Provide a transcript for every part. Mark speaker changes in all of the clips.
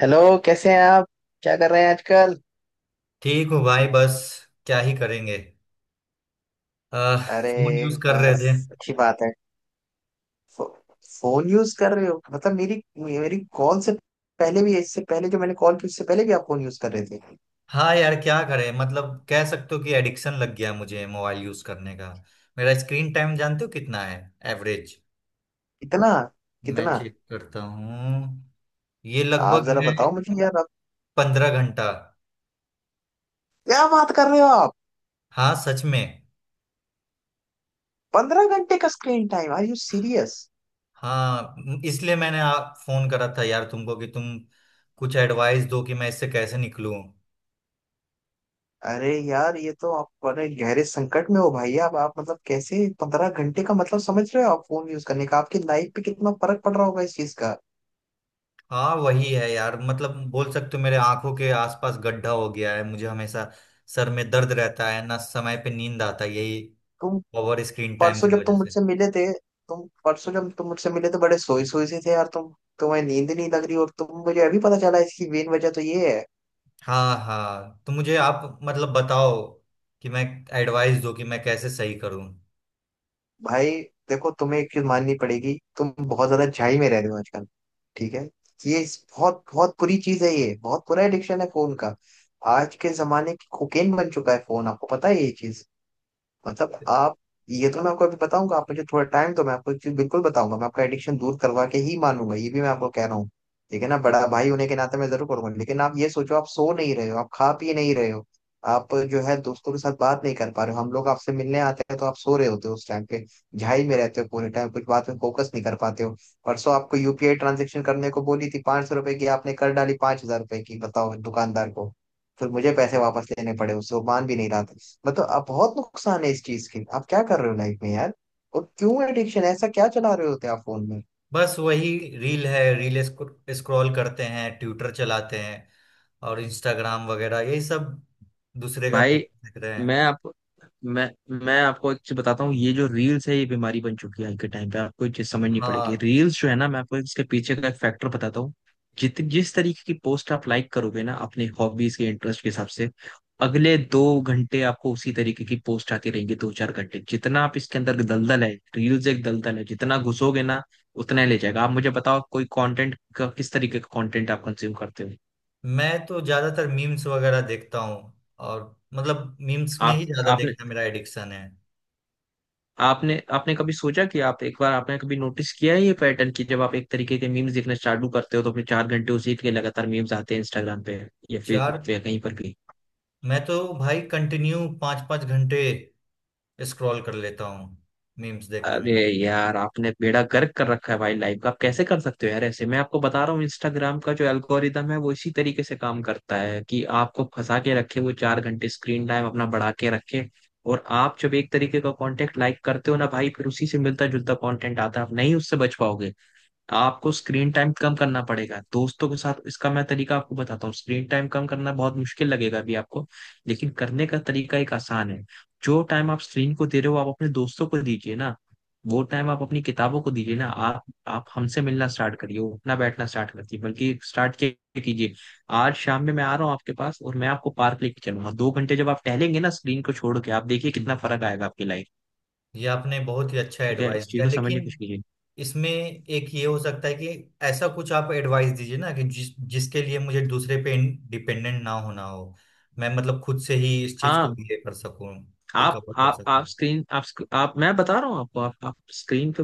Speaker 1: Hello. कैसे हैं आप? क्या कर रहे हैं आजकल?
Speaker 2: ठीक हूँ भाई बस क्या ही करेंगे। आ,
Speaker 1: अरे।
Speaker 2: फोन यूज कर रहे
Speaker 1: बस,
Speaker 2: थे।
Speaker 1: अच्छी बात है। फो, फोन यूज कर रहे हो मतलब मेरी मेरी कॉल से पहले भी, इससे पहले जो मैंने कॉल की उससे पहले भी आप फोन यूज कर रहे थे।
Speaker 2: हाँ यार क्या करें, मतलब कह सकते हो कि एडिक्शन लग गया मुझे मोबाइल यूज करने का। मेरा स्क्रीन टाइम जानते हो कितना है एवरेज?
Speaker 1: कितना?
Speaker 2: मैं
Speaker 1: कितना?
Speaker 2: चेक करता हूँ, ये
Speaker 1: आप
Speaker 2: लगभग
Speaker 1: जरा
Speaker 2: है
Speaker 1: बताओ मुझे यार, आप।
Speaker 2: 15 घंटा।
Speaker 1: क्या बात कर रहे हो आप?
Speaker 2: हाँ सच में।
Speaker 1: 15 घंटे का screen time? Are you serious?
Speaker 2: हाँ इसलिए मैंने आप फोन करा था यार तुमको कि तुम कुछ एडवाइस दो कि मैं इससे कैसे निकलूं।
Speaker 1: अरे यार, ये तो आप बड़े गहरे संकट में हो भाई। आप मतलब कैसे, 15 घंटे का मतलब समझ रहे हो आप फोन यूज करने का? आपकी लाइफ पे कितना फर्क पड़ रहा होगा इस चीज का।
Speaker 2: हाँ वही है यार, मतलब बोल सकते हो मेरे आंखों के आसपास गड्ढा हो गया है, मुझे हमेशा सर में दर्द रहता है, ना समय पे नींद आता है, यही ओवर स्क्रीन टाइम
Speaker 1: परसों
Speaker 2: की
Speaker 1: जब
Speaker 2: वजह
Speaker 1: तुम
Speaker 2: से।
Speaker 1: मुझसे मिले थे तुम परसों जब तुम मुझसे मिले थे बड़े सोई सोई से थे यार तुम। तुम्हें नींद नहीं लग रही और तुम, मुझे अभी पता चला, इसकी मेन वजह तो ये है।
Speaker 2: हाँ हाँ, तो मुझे आप मतलब बताओ कि मैं एडवाइस दो कि मैं कैसे सही करूं।
Speaker 1: भाई देखो, तुम्हें एक चीज माननी पड़ेगी। तुम बहुत ज्यादा झाई में रह रहे हो आजकल। ठीक है। ये बहुत बहुत बुरी चीज है, ये बहुत बुरा एडिक्शन है फोन का। आज के जमाने की कोकेन बन चुका है फोन, आपको पता है ये चीज? मतलब आप। ये तो मैं आपको अभी बताऊंगा, आप मुझे थोड़ा टाइम दो। मैं आपको एक चीज बिल्कुल बताऊंगा, मैं आपका एडिक्शन दूर करवा के ही मानूंगा, ये भी मैं आपको कह रहा हूँ। ठीक है ना, बड़ा भाई होने के नाते मैं जरूर करूंगा। लेकिन आप ये सोचो, आप सो नहीं रहे हो, आप खा पी नहीं रहे हो। आप, जो है, दोस्तों के साथ बात नहीं कर पा रहे हो। हम लोग आपसे मिलने आते हैं तो आप सो रहे होते हो उस टाइम पे। झाई में रहते हो पूरे टाइम, कुछ बात में फोकस नहीं कर पाते हो। परसों आपको यूपीआई ट्रांजेक्शन करने को बोली थी 500 रुपए की, आपने कर डाली 5,000 रुपए की, बताओ दुकानदार को। फिर मुझे पैसे वापस लेने पड़े उससे, वो मान भी नहीं रहा था। मतलब अब बहुत नुकसान है इस चीज की, आप क्या कर रहे हो लाइफ में यार? और क्यों एडिक्शन, ऐसा क्या चला रहे होते आप फोन में?
Speaker 2: बस वही, रील है रील, स्क्रॉल करते हैं, ट्विटर चलाते हैं और इंस्टाग्राम वगैरह यही सब, दूसरे का
Speaker 1: भाई,
Speaker 2: पोस्ट देख रहे हैं।
Speaker 1: मैं आप मैं मैं आपको एक चीज बताता हूँ। ये जो रील्स है ये बीमारी बन चुकी है आज के टाइम पे। आपको ये चीज समझनी पड़ेगी।
Speaker 2: हाँ,
Speaker 1: रील्स जो है ना, मैं आपको इसके पीछे का एक फैक्टर बताता हूँ। जित जिस तरीके की पोस्ट आप लाइक करोगे ना, अपने हॉबीज के इंटरेस्ट के हिसाब से, अगले 2 घंटे आपको उसी तरीके की पोस्ट आती रहेंगी, दो चार घंटे। जितना आप इसके अंदर, दलदल है। रील्स एक दलदल है, जितना घुसोगे ना उतना ही ले जाएगा। आप मुझे बताओ, कोई कंटेंट का, किस तरीके का कंटेंट आप कंज्यूम करते हो?
Speaker 2: मैं तो ज्यादातर मीम्स वगैरह देखता हूँ, और मतलब मीम्स में ही
Speaker 1: आप
Speaker 2: ज्यादा
Speaker 1: आपने
Speaker 2: देखना मेरा एडिक्शन है।
Speaker 1: आपने आपने कभी सोचा कि आप एक बार, आपने कभी नोटिस किया है ये पैटर्न कि जब आप एक तरीके के मीम्स देखना चालू करते हो तो अपने 4 घंटे उसी के लगातार मीम्स आते हैं इंस्टाग्राम पे? या फिर
Speaker 2: चार?
Speaker 1: कहीं पर भी।
Speaker 2: मैं तो भाई कंटिन्यू 5-5 घंटे स्क्रॉल कर लेता हूँ मीम्स देखने में।
Speaker 1: अरे यार, आपने बेड़ा गर्क कर रखा है भाई लाइफ का। आप कैसे कर सकते हो यार ऐसे? मैं आपको बता रहा हूँ, इंस्टाग्राम का जो एल्गोरिदम है वो इसी तरीके से काम करता है कि आपको फंसा के रखे, वो 4 घंटे स्क्रीन टाइम अपना बढ़ा के रखे। और आप जब एक तरीके का कंटेंट लाइक करते हो ना भाई, फिर उसी से मिलता जुलता कंटेंट आता है, आप नहीं उससे बच पाओगे। आपको स्क्रीन टाइम कम करना पड़ेगा दोस्तों के साथ, इसका मैं तरीका आपको बताता हूँ। स्क्रीन टाइम कम करना बहुत मुश्किल लगेगा अभी आपको, लेकिन कराना है। जो, जो आप अपने, ना वो टाइम आप अपने किताबों को दीजिए ना। आप आपका स्टार्ट कीजिए आज। ये कितना लगेगा आपकी लाइफ।
Speaker 2: ये आपने बहुत ही अच्छा
Speaker 1: ठीक है।
Speaker 2: एडवाइस दिया, लेकिन
Speaker 1: ये-
Speaker 2: इसमें एक ये हो सकता है कि ऐसा कुछ आप एडवाइस दीजिए ना कि जिसके लिए मुझे दूसरे पे डिपेंडेंट ना होना हो। मैं मतलब खुद से ही इस चीज को
Speaker 1: हाँ।
Speaker 2: ये कर सकूँ,
Speaker 1: आप
Speaker 2: रिकवर कर
Speaker 1: आप आप
Speaker 2: सकूँ।
Speaker 1: स्क्रीन आप मैं बता रहा हूँ आपको, आप स्क्रीन पे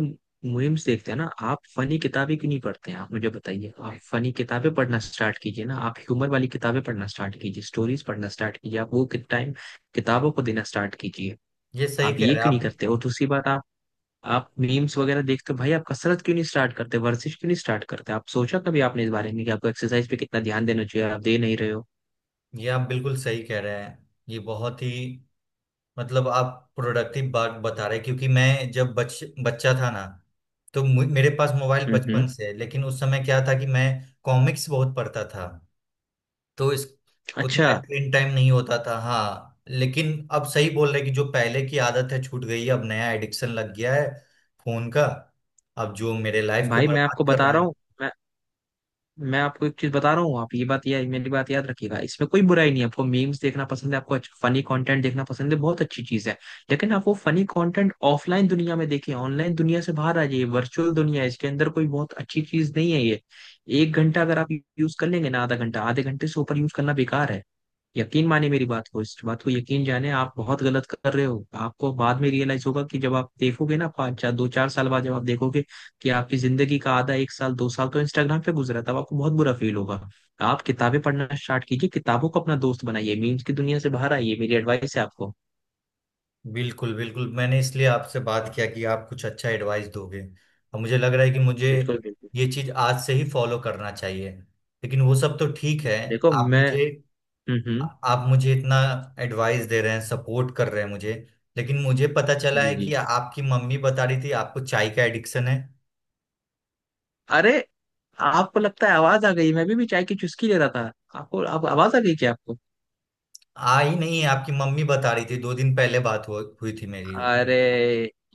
Speaker 1: मीम्स देखते हैं ना? आप फनी किताबें क्यों नहीं पढ़ते हैं? आप मुझे बताइए। आप फनी किताबें पढ़ना स्टार्ट कीजिए ना। आप ह्यूमर वाली किताबें पढ़ना स्टार्ट कीजिए, स्टोरीज पढ़ना स्टार्ट कीजिए। आप वो टाइम किताबों को देना स्टार्ट कीजिए।
Speaker 2: ये सही
Speaker 1: आप
Speaker 2: कह
Speaker 1: ये
Speaker 2: रहे हैं
Speaker 1: क्यों नहीं
Speaker 2: आप।
Speaker 1: करते? और दूसरी बात, आप मीम्स वगैरह देखते हो भाई, आप कसरत क्यों नहीं स्टार्ट करते, वर्जिश क्यों नहीं स्टार्ट करते? आप सोचा कभी आपने इस बारे में कि आपको एक्सरसाइज पे कितना ध्यान देना चाहिए? आप दे नहीं रहे हो।
Speaker 2: ये आप बिल्कुल सही कह रहे हैं, ये बहुत ही मतलब आप प्रोडक्टिव बात बता रहे हैं, क्योंकि मैं जब बच बच्चा था ना, तो मेरे पास मोबाइल
Speaker 1: हम्म,
Speaker 2: बचपन से है, लेकिन उस समय क्या था कि मैं कॉमिक्स बहुत पढ़ता था, तो इस
Speaker 1: अच्छा।
Speaker 2: उतना स्क्रीन टाइम नहीं होता था। हाँ लेकिन अब सही बोल रहे हैं कि जो पहले की आदत है छूट गई है, अब नया एडिक्शन लग गया है फोन का, अब जो मेरे लाइफ को
Speaker 1: भाई मैं आपको
Speaker 2: बर्बाद कर
Speaker 1: बता
Speaker 2: रहा
Speaker 1: रहा
Speaker 2: है।
Speaker 1: हूँ, मैं आपको एक चीज बता रहा हूँ। आप ये बात या मेरी बात याद रखिएगा। इसमें कोई बुराई नहीं है, आपको मीम्स देखना पसंद है, आपको अच्छा फनी कंटेंट देखना पसंद है, बहुत अच्छी चीज है। लेकिन आप वो फनी कंटेंट ऑफलाइन दुनिया में देखिए, ऑनलाइन दुनिया से बाहर आ जाइए। वर्चुअल दुनिया है, इसके अंदर कोई बहुत अच्छी चीज नहीं है ये। 1 घंटा अगर आप यूज कर लेंगे ना, आधा घंटा, आधे घंटे से ऊपर यूज करना बेकार है। यकीन मानिए मेरी बात को, इस बात को यकीन जाने, आप बहुत गलत कर रहे हो। आपको बाद में रियलाइज होगा कि जब आप देखोगे ना, पाँच चार, दो चार साल बाद जब आप देखोगे कि आपकी जिंदगी का आधा, एक साल, दो साल तो इंस्टाग्राम पे गुजरा था, अब आपको बहुत बुरा फील होगा। आप किताबें पढ़ना स्टार्ट कीजिए, किताबों को अपना दोस्त बनाइए, मीम्स की दुनिया से बाहर आइए। मेरी एडवाइस है आपको।
Speaker 2: बिल्कुल बिल्कुल, मैंने इसलिए आपसे बात किया कि आप कुछ अच्छा एडवाइस दोगे, और मुझे लग रहा है कि मुझे
Speaker 1: बिल्कुल, बिल्कुल।
Speaker 2: ये चीज आज से ही फॉलो करना चाहिए। लेकिन वो सब तो ठीक है।
Speaker 1: देखो
Speaker 2: आप
Speaker 1: मैं।
Speaker 2: मुझे
Speaker 1: हम्म, हम्म।
Speaker 2: आप मुझे इतना एडवाइस दे रहे हैं, सपोर्ट कर रहे हैं मुझे, लेकिन मुझे पता चला है
Speaker 1: जी, जी।
Speaker 2: कि आपकी मम्मी बता रही थी आपको चाय का एडिक्शन है।
Speaker 1: अरे, आपको लगता है आवाज आ गई? मैं भी चाय की चुस्की ले रहा था। आपको आप आवाज आ गई क्या आपको?
Speaker 2: आ ही नहीं है, आपकी मम्मी बता रही थी, 2 दिन पहले बात हुई हुई थी मेरी।
Speaker 1: अरे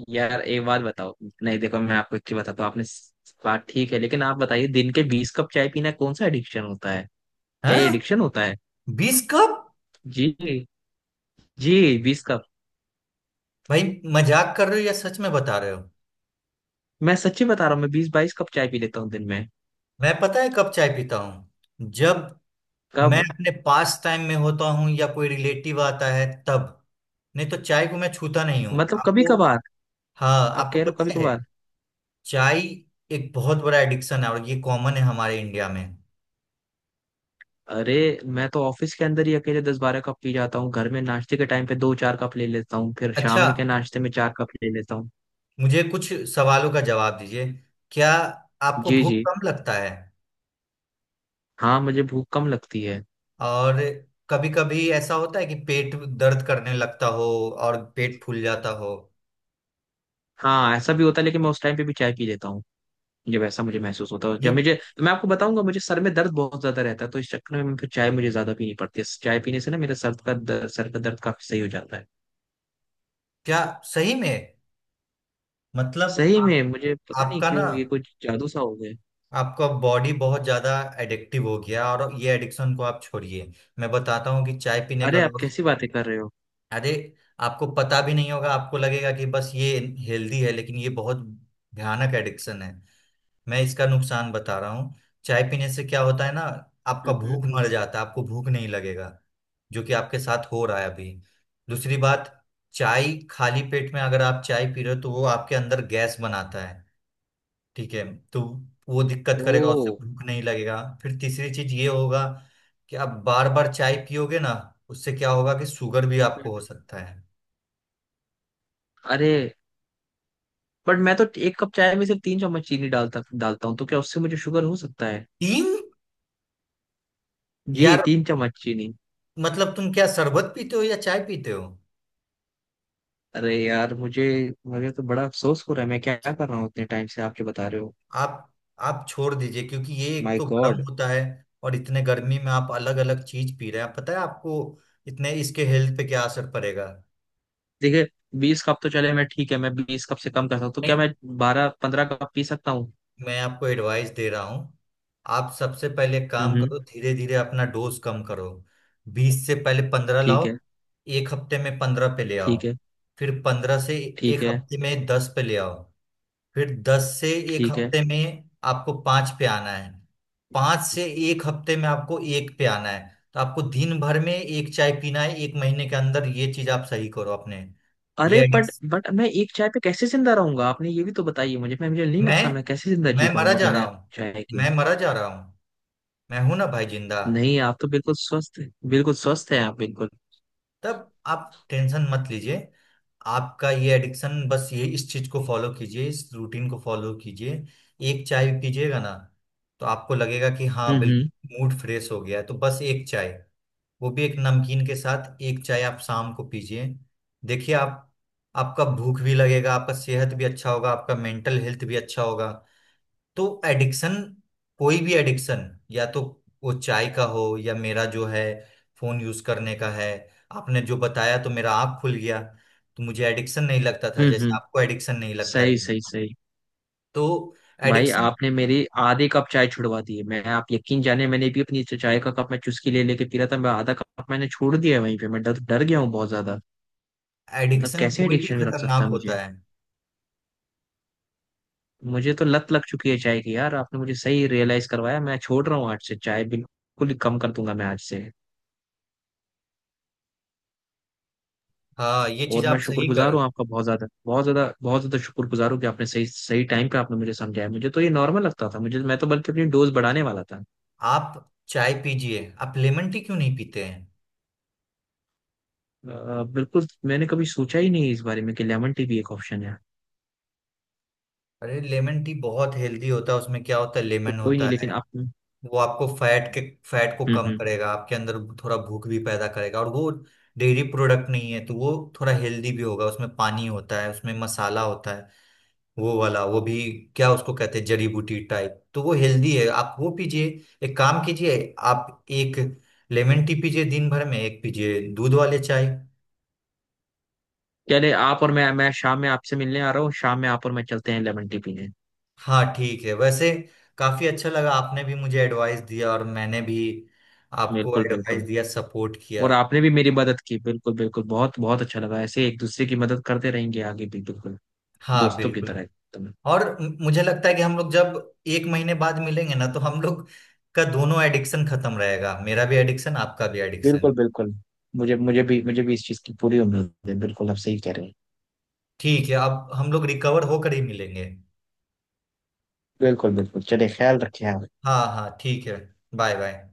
Speaker 1: यार, एक बात बताओ। नहीं देखो, मैं आपको एक चीज बताता हूँ, आपने बात ठीक है। लेकिन आप बताइए, दिन के 20 कप चाय पीना कौन सा एडिक्शन होता है? क्या ये
Speaker 2: हाँ,
Speaker 1: एडिक्शन होता है?
Speaker 2: 20 कप?
Speaker 1: जी, जी। 20 कप?
Speaker 2: भाई मजाक कर रहे हो या सच में बता रहे हो?
Speaker 1: मैं सच्ची बता रहा हूँ, मैं 20 22 कप चाय पी लेता हूँ दिन में।
Speaker 2: मैं पता है कब चाय पीता हूँ? जब मैं
Speaker 1: कब?
Speaker 2: अपने पास टाइम में होता हूँ या कोई रिलेटिव आता है तब, नहीं तो चाय को मैं छूता नहीं हूँ।
Speaker 1: मतलब कभी
Speaker 2: आपको,
Speaker 1: कभार?
Speaker 2: हाँ
Speaker 1: आप
Speaker 2: आपको
Speaker 1: कह रहे हो कभी
Speaker 2: पता है,
Speaker 1: कभार?
Speaker 2: चाय एक बहुत बड़ा एडिक्शन है, और ये कॉमन है हमारे इंडिया में।
Speaker 1: अरे, मैं तो ऑफिस के अंदर ही अकेले 10 12 कप पी जाता हूँ, घर में नाश्ते के टाइम पे दो चार कप ले लेता हूँ, फिर
Speaker 2: अच्छा,
Speaker 1: शाम में के नाश्ते में 4 कप ले लेता हूँ।
Speaker 2: मुझे कुछ सवालों का जवाब दीजिए। क्या आपको
Speaker 1: जी,
Speaker 2: भूख
Speaker 1: जी।
Speaker 2: कम लगता है?
Speaker 1: हाँ, मुझे भूख कम लगती है।
Speaker 2: और कभी कभी ऐसा होता है कि पेट दर्द करने लगता हो और पेट फूल जाता हो?
Speaker 1: हाँ ऐसा भी होता है, लेकिन मैं उस टाइम पे भी चाय पी लेता हूँ जब ऐसा मुझे महसूस होता है।
Speaker 2: ये
Speaker 1: जब मुझे, तो मैं आपको बताऊंगा, मुझे सर में दर्द बहुत ज्यादा रहता है, तो इस चक्कर में मैं फिर चाय मुझे ज्यादा पीनी पड़ती है। चाय पीने से ना मेरे सर का दर्द काफी सही हो जाता है।
Speaker 2: क्या सही में, मतलब
Speaker 1: सही में
Speaker 2: आप,
Speaker 1: मुझे पता नहीं
Speaker 2: आपका ना
Speaker 1: क्यों, ये कुछ जादू सा हो गया।
Speaker 2: आपका बॉडी बहुत ज्यादा एडिक्टिव हो गया, और ये एडिक्शन को आप छोड़िए। मैं बताता हूँ कि चाय पीने का
Speaker 1: अरे, आप
Speaker 2: लॉस,
Speaker 1: कैसी बातें कर रहे हो?
Speaker 2: अरे आपको पता भी नहीं होगा, आपको लगेगा कि बस ये हेल्दी है, लेकिन ये बहुत भयानक एडिक्शन है। मैं इसका नुकसान बता रहा हूँ। चाय पीने से क्या होता है ना, आपका
Speaker 1: हम्म।
Speaker 2: भूख मर जाता है, आपको भूख नहीं लगेगा, जो कि आपके साथ हो रहा है अभी। दूसरी बात, चाय खाली पेट में अगर आप चाय पी रहे हो, तो वो आपके अंदर गैस बनाता है। ठीक है, तो वो दिक्कत
Speaker 1: ओ।
Speaker 2: करेगा, उससे भूख नहीं लगेगा। फिर तीसरी चीज ये होगा कि आप बार बार चाय पियोगे ना, उससे क्या होगा कि शुगर भी आपको हो सकता है।
Speaker 1: अरे बट, मैं तो एक कप चाय में सिर्फ 3 चम्मच चीनी डालता डालता हूँ, तो क्या उससे मुझे शुगर हो सकता है?
Speaker 2: 3?
Speaker 1: जी,
Speaker 2: यार
Speaker 1: तीन चम्मच चीनी?
Speaker 2: मतलब तुम क्या शरबत पीते हो या चाय पीते हो?
Speaker 1: अरे यार, मुझे मुझे तो बड़ा अफसोस हो रहा है, मैं क्या क्या कर रहा हूँ इतने टाइम से आप जो बता रहे हो।
Speaker 2: आप आप छोड़ दीजिए, क्योंकि ये एक
Speaker 1: माय
Speaker 2: तो गर्म
Speaker 1: गॉड।
Speaker 2: होता है, और इतने गर्मी में आप अलग अलग चीज पी रहे हैं, पता है आपको इतने इसके हेल्थ पे क्या असर पड़ेगा?
Speaker 1: देखिए, 20 कप तो चले, मैं ठीक है, मैं 20 कप से कम कर सकता हूँ। तो क्या
Speaker 2: नहीं,
Speaker 1: मैं 12 15 कप पी सकता हूँ?
Speaker 2: मैं आपको एडवाइस दे रहा हूँ, आप सबसे पहले एक काम
Speaker 1: हम्म।
Speaker 2: करो, धीरे धीरे अपना डोज कम करो। बीस से पहले 15 लाओ,
Speaker 1: ठीक है।
Speaker 2: एक हफ्ते में 15 पे ले आओ।
Speaker 1: ठीक है।
Speaker 2: फिर 15 से
Speaker 1: ठीक
Speaker 2: एक
Speaker 1: है।
Speaker 2: हफ्ते में 10 पे ले आओ। फिर 10 से एक
Speaker 1: ठीक है।
Speaker 2: हफ्ते में आपको 5 पे आना है। 5 से एक हफ्ते में आपको एक पे आना है। तो आपको दिन भर में एक चाय पीना है, एक महीने के अंदर ये चीज आप सही करो अपने।
Speaker 1: अरे
Speaker 2: ये
Speaker 1: बट
Speaker 2: एडिक्स
Speaker 1: बट मैं एक चाय पे कैसे जिंदा रहूंगा? आपने ये भी तो बताइए मुझे, मैं मुझे नहीं
Speaker 2: मैं
Speaker 1: लगता मैं कैसे जिंदा जी
Speaker 2: मैं मरा
Speaker 1: पाऊंगा
Speaker 2: जा रहा
Speaker 1: बिना
Speaker 2: हूँ,
Speaker 1: चाय के।
Speaker 2: मैं मरा जा रहा हूँ। मैं हूं ना भाई जिंदा।
Speaker 1: नहीं, आप तो बिल्कुल स्वस्थ है, बिल्कुल स्वस्थ है आप, बिल्कुल।
Speaker 2: तब आप टेंशन मत लीजिए। आपका ये एडिक्शन, बस ये इस चीज को फॉलो कीजिए, इस रूटीन को फॉलो कीजिए। एक चाय पीजिएगा ना, तो आपको लगेगा कि हाँ
Speaker 1: हम्म,
Speaker 2: बिल्कुल
Speaker 1: हम्म।
Speaker 2: मूड फ्रेश हो गया है, तो बस एक चाय, वो भी एक नमकीन के साथ एक चाय आप शाम को पीजिए। देखिए आप, आपका भूख भी लगेगा, आपका सेहत भी अच्छा होगा, आपका मेंटल हेल्थ भी अच्छा होगा। तो एडिक्शन, कोई भी एडिक्शन, या तो वो चाय का हो या मेरा जो है फोन यूज करने का है, आपने जो बताया तो मेरा आँख खुल गया। तो मुझे एडिक्शन नहीं लगता था,
Speaker 1: हम्म,
Speaker 2: जैसे
Speaker 1: हम्म।
Speaker 2: आपको एडिक्शन नहीं लगता
Speaker 1: सही,
Speaker 2: ये।
Speaker 1: सही, सही।
Speaker 2: तो
Speaker 1: भाई,
Speaker 2: एडिक्शन,
Speaker 1: आपने मेरी आधे कप चाय छुड़वा दी है। मैं, आप यकीन जाने, मैंने भी अपनी चाय का कप मैं चुस्की ले लेके पी रहा था। मैं आधा कप मैंने छोड़ दिया है वहीं पे। मैं डर डर गया हूँ बहुत ज्यादा। मतलब
Speaker 2: एडिक्शन
Speaker 1: कैसे
Speaker 2: कोई भी
Speaker 1: एडिक्शन में रख सकता
Speaker 2: खतरनाक
Speaker 1: है मुझे!
Speaker 2: होता है।
Speaker 1: मुझे तो लत लग चुकी है चाय की यार, आपने मुझे सही रियलाइज करवाया। मैं छोड़ रहा हूँ आज से चाय, बिल्कुल ही कम कर दूंगा मैं आज से।
Speaker 2: हाँ ये चीज
Speaker 1: और मैं
Speaker 2: आप सही
Speaker 1: शुक्रगुजार
Speaker 2: कर।
Speaker 1: हूँ आपका, बहुत ज्यादा, बहुत ज्यादा, बहुत ज्यादा शुक्रगुजार हूँ कि आपने सही सही टाइम पे आपने मुझे समझाया। मुझे तो ये नॉर्मल लगता था मुझे, मैं तो बल्कि अपनी डोज बढ़ाने वाला था।
Speaker 2: आप चाय पीजिए, आप लेमन टी क्यों नहीं पीते हैं?
Speaker 1: बिल्कुल, मैंने कभी सोचा ही नहीं इस बारे में कि लेमन टी भी एक ऑप्शन है।
Speaker 2: अरे लेमन टी बहुत हेल्दी होता है, उसमें क्या होता है,
Speaker 1: तो
Speaker 2: लेमन
Speaker 1: कोई नहीं,
Speaker 2: होता है,
Speaker 1: लेकिन आप। हम्म,
Speaker 2: वो आपको फैट के फैट को कम
Speaker 1: हम्म।
Speaker 2: करेगा आपके अंदर, थोड़ा भूख भी पैदा करेगा, और वो डेयरी प्रोडक्ट नहीं है, तो वो थोड़ा हेल्दी भी होगा। उसमें पानी होता है, उसमें मसाला होता है, वो वाला, वो भी क्या उसको कहते हैं, जड़ी बूटी टाइप, तो वो हेल्दी है, आप वो पीजिए। एक काम कीजिए, आप एक लेमन टी पीजिए, दिन भर में एक पीजिए, दूध वाले चाय।
Speaker 1: चले, आप और मैं शाम में आपसे मिलने आ रहा हूँ शाम में। आप और मैं चलते हैं लेमन टी पीने।
Speaker 2: हाँ ठीक है, वैसे काफी अच्छा लगा, आपने भी मुझे एडवाइस दिया और मैंने भी आपको
Speaker 1: बिल्कुल,
Speaker 2: एडवाइस
Speaker 1: बिल्कुल।
Speaker 2: दिया, सपोर्ट किया।
Speaker 1: और आपने भी मेरी मदद की, बिल्कुल, बिल्कुल। बहुत बहुत अच्छा लगा ऐसे, एक दूसरे की मदद करते रहेंगे आगे भी, बिल्कुल।
Speaker 2: हाँ
Speaker 1: दोस्तों की
Speaker 2: बिल्कुल।
Speaker 1: तरह एकदम।
Speaker 2: और मुझे लगता है कि हम लोग जब एक महीने बाद मिलेंगे ना, तो हम लोग का दोनों एडिक्शन खत्म रहेगा, मेरा भी एडिक्शन आपका भी
Speaker 1: बिल्कुल,
Speaker 2: एडिक्शन।
Speaker 1: बिल्कुल। मुझे मुझे भी इस चीज की पूरी उम्मीद है। बिल्कुल, आप सही कह रहे हैं।
Speaker 2: ठीक है, अब हम लोग रिकवर होकर ही मिलेंगे।
Speaker 1: बिल्कुल, बिल्कुल। चलिए, ख्याल रखिए आप।
Speaker 2: हाँ हाँ ठीक है। Bye bye.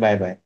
Speaker 1: Bye bye.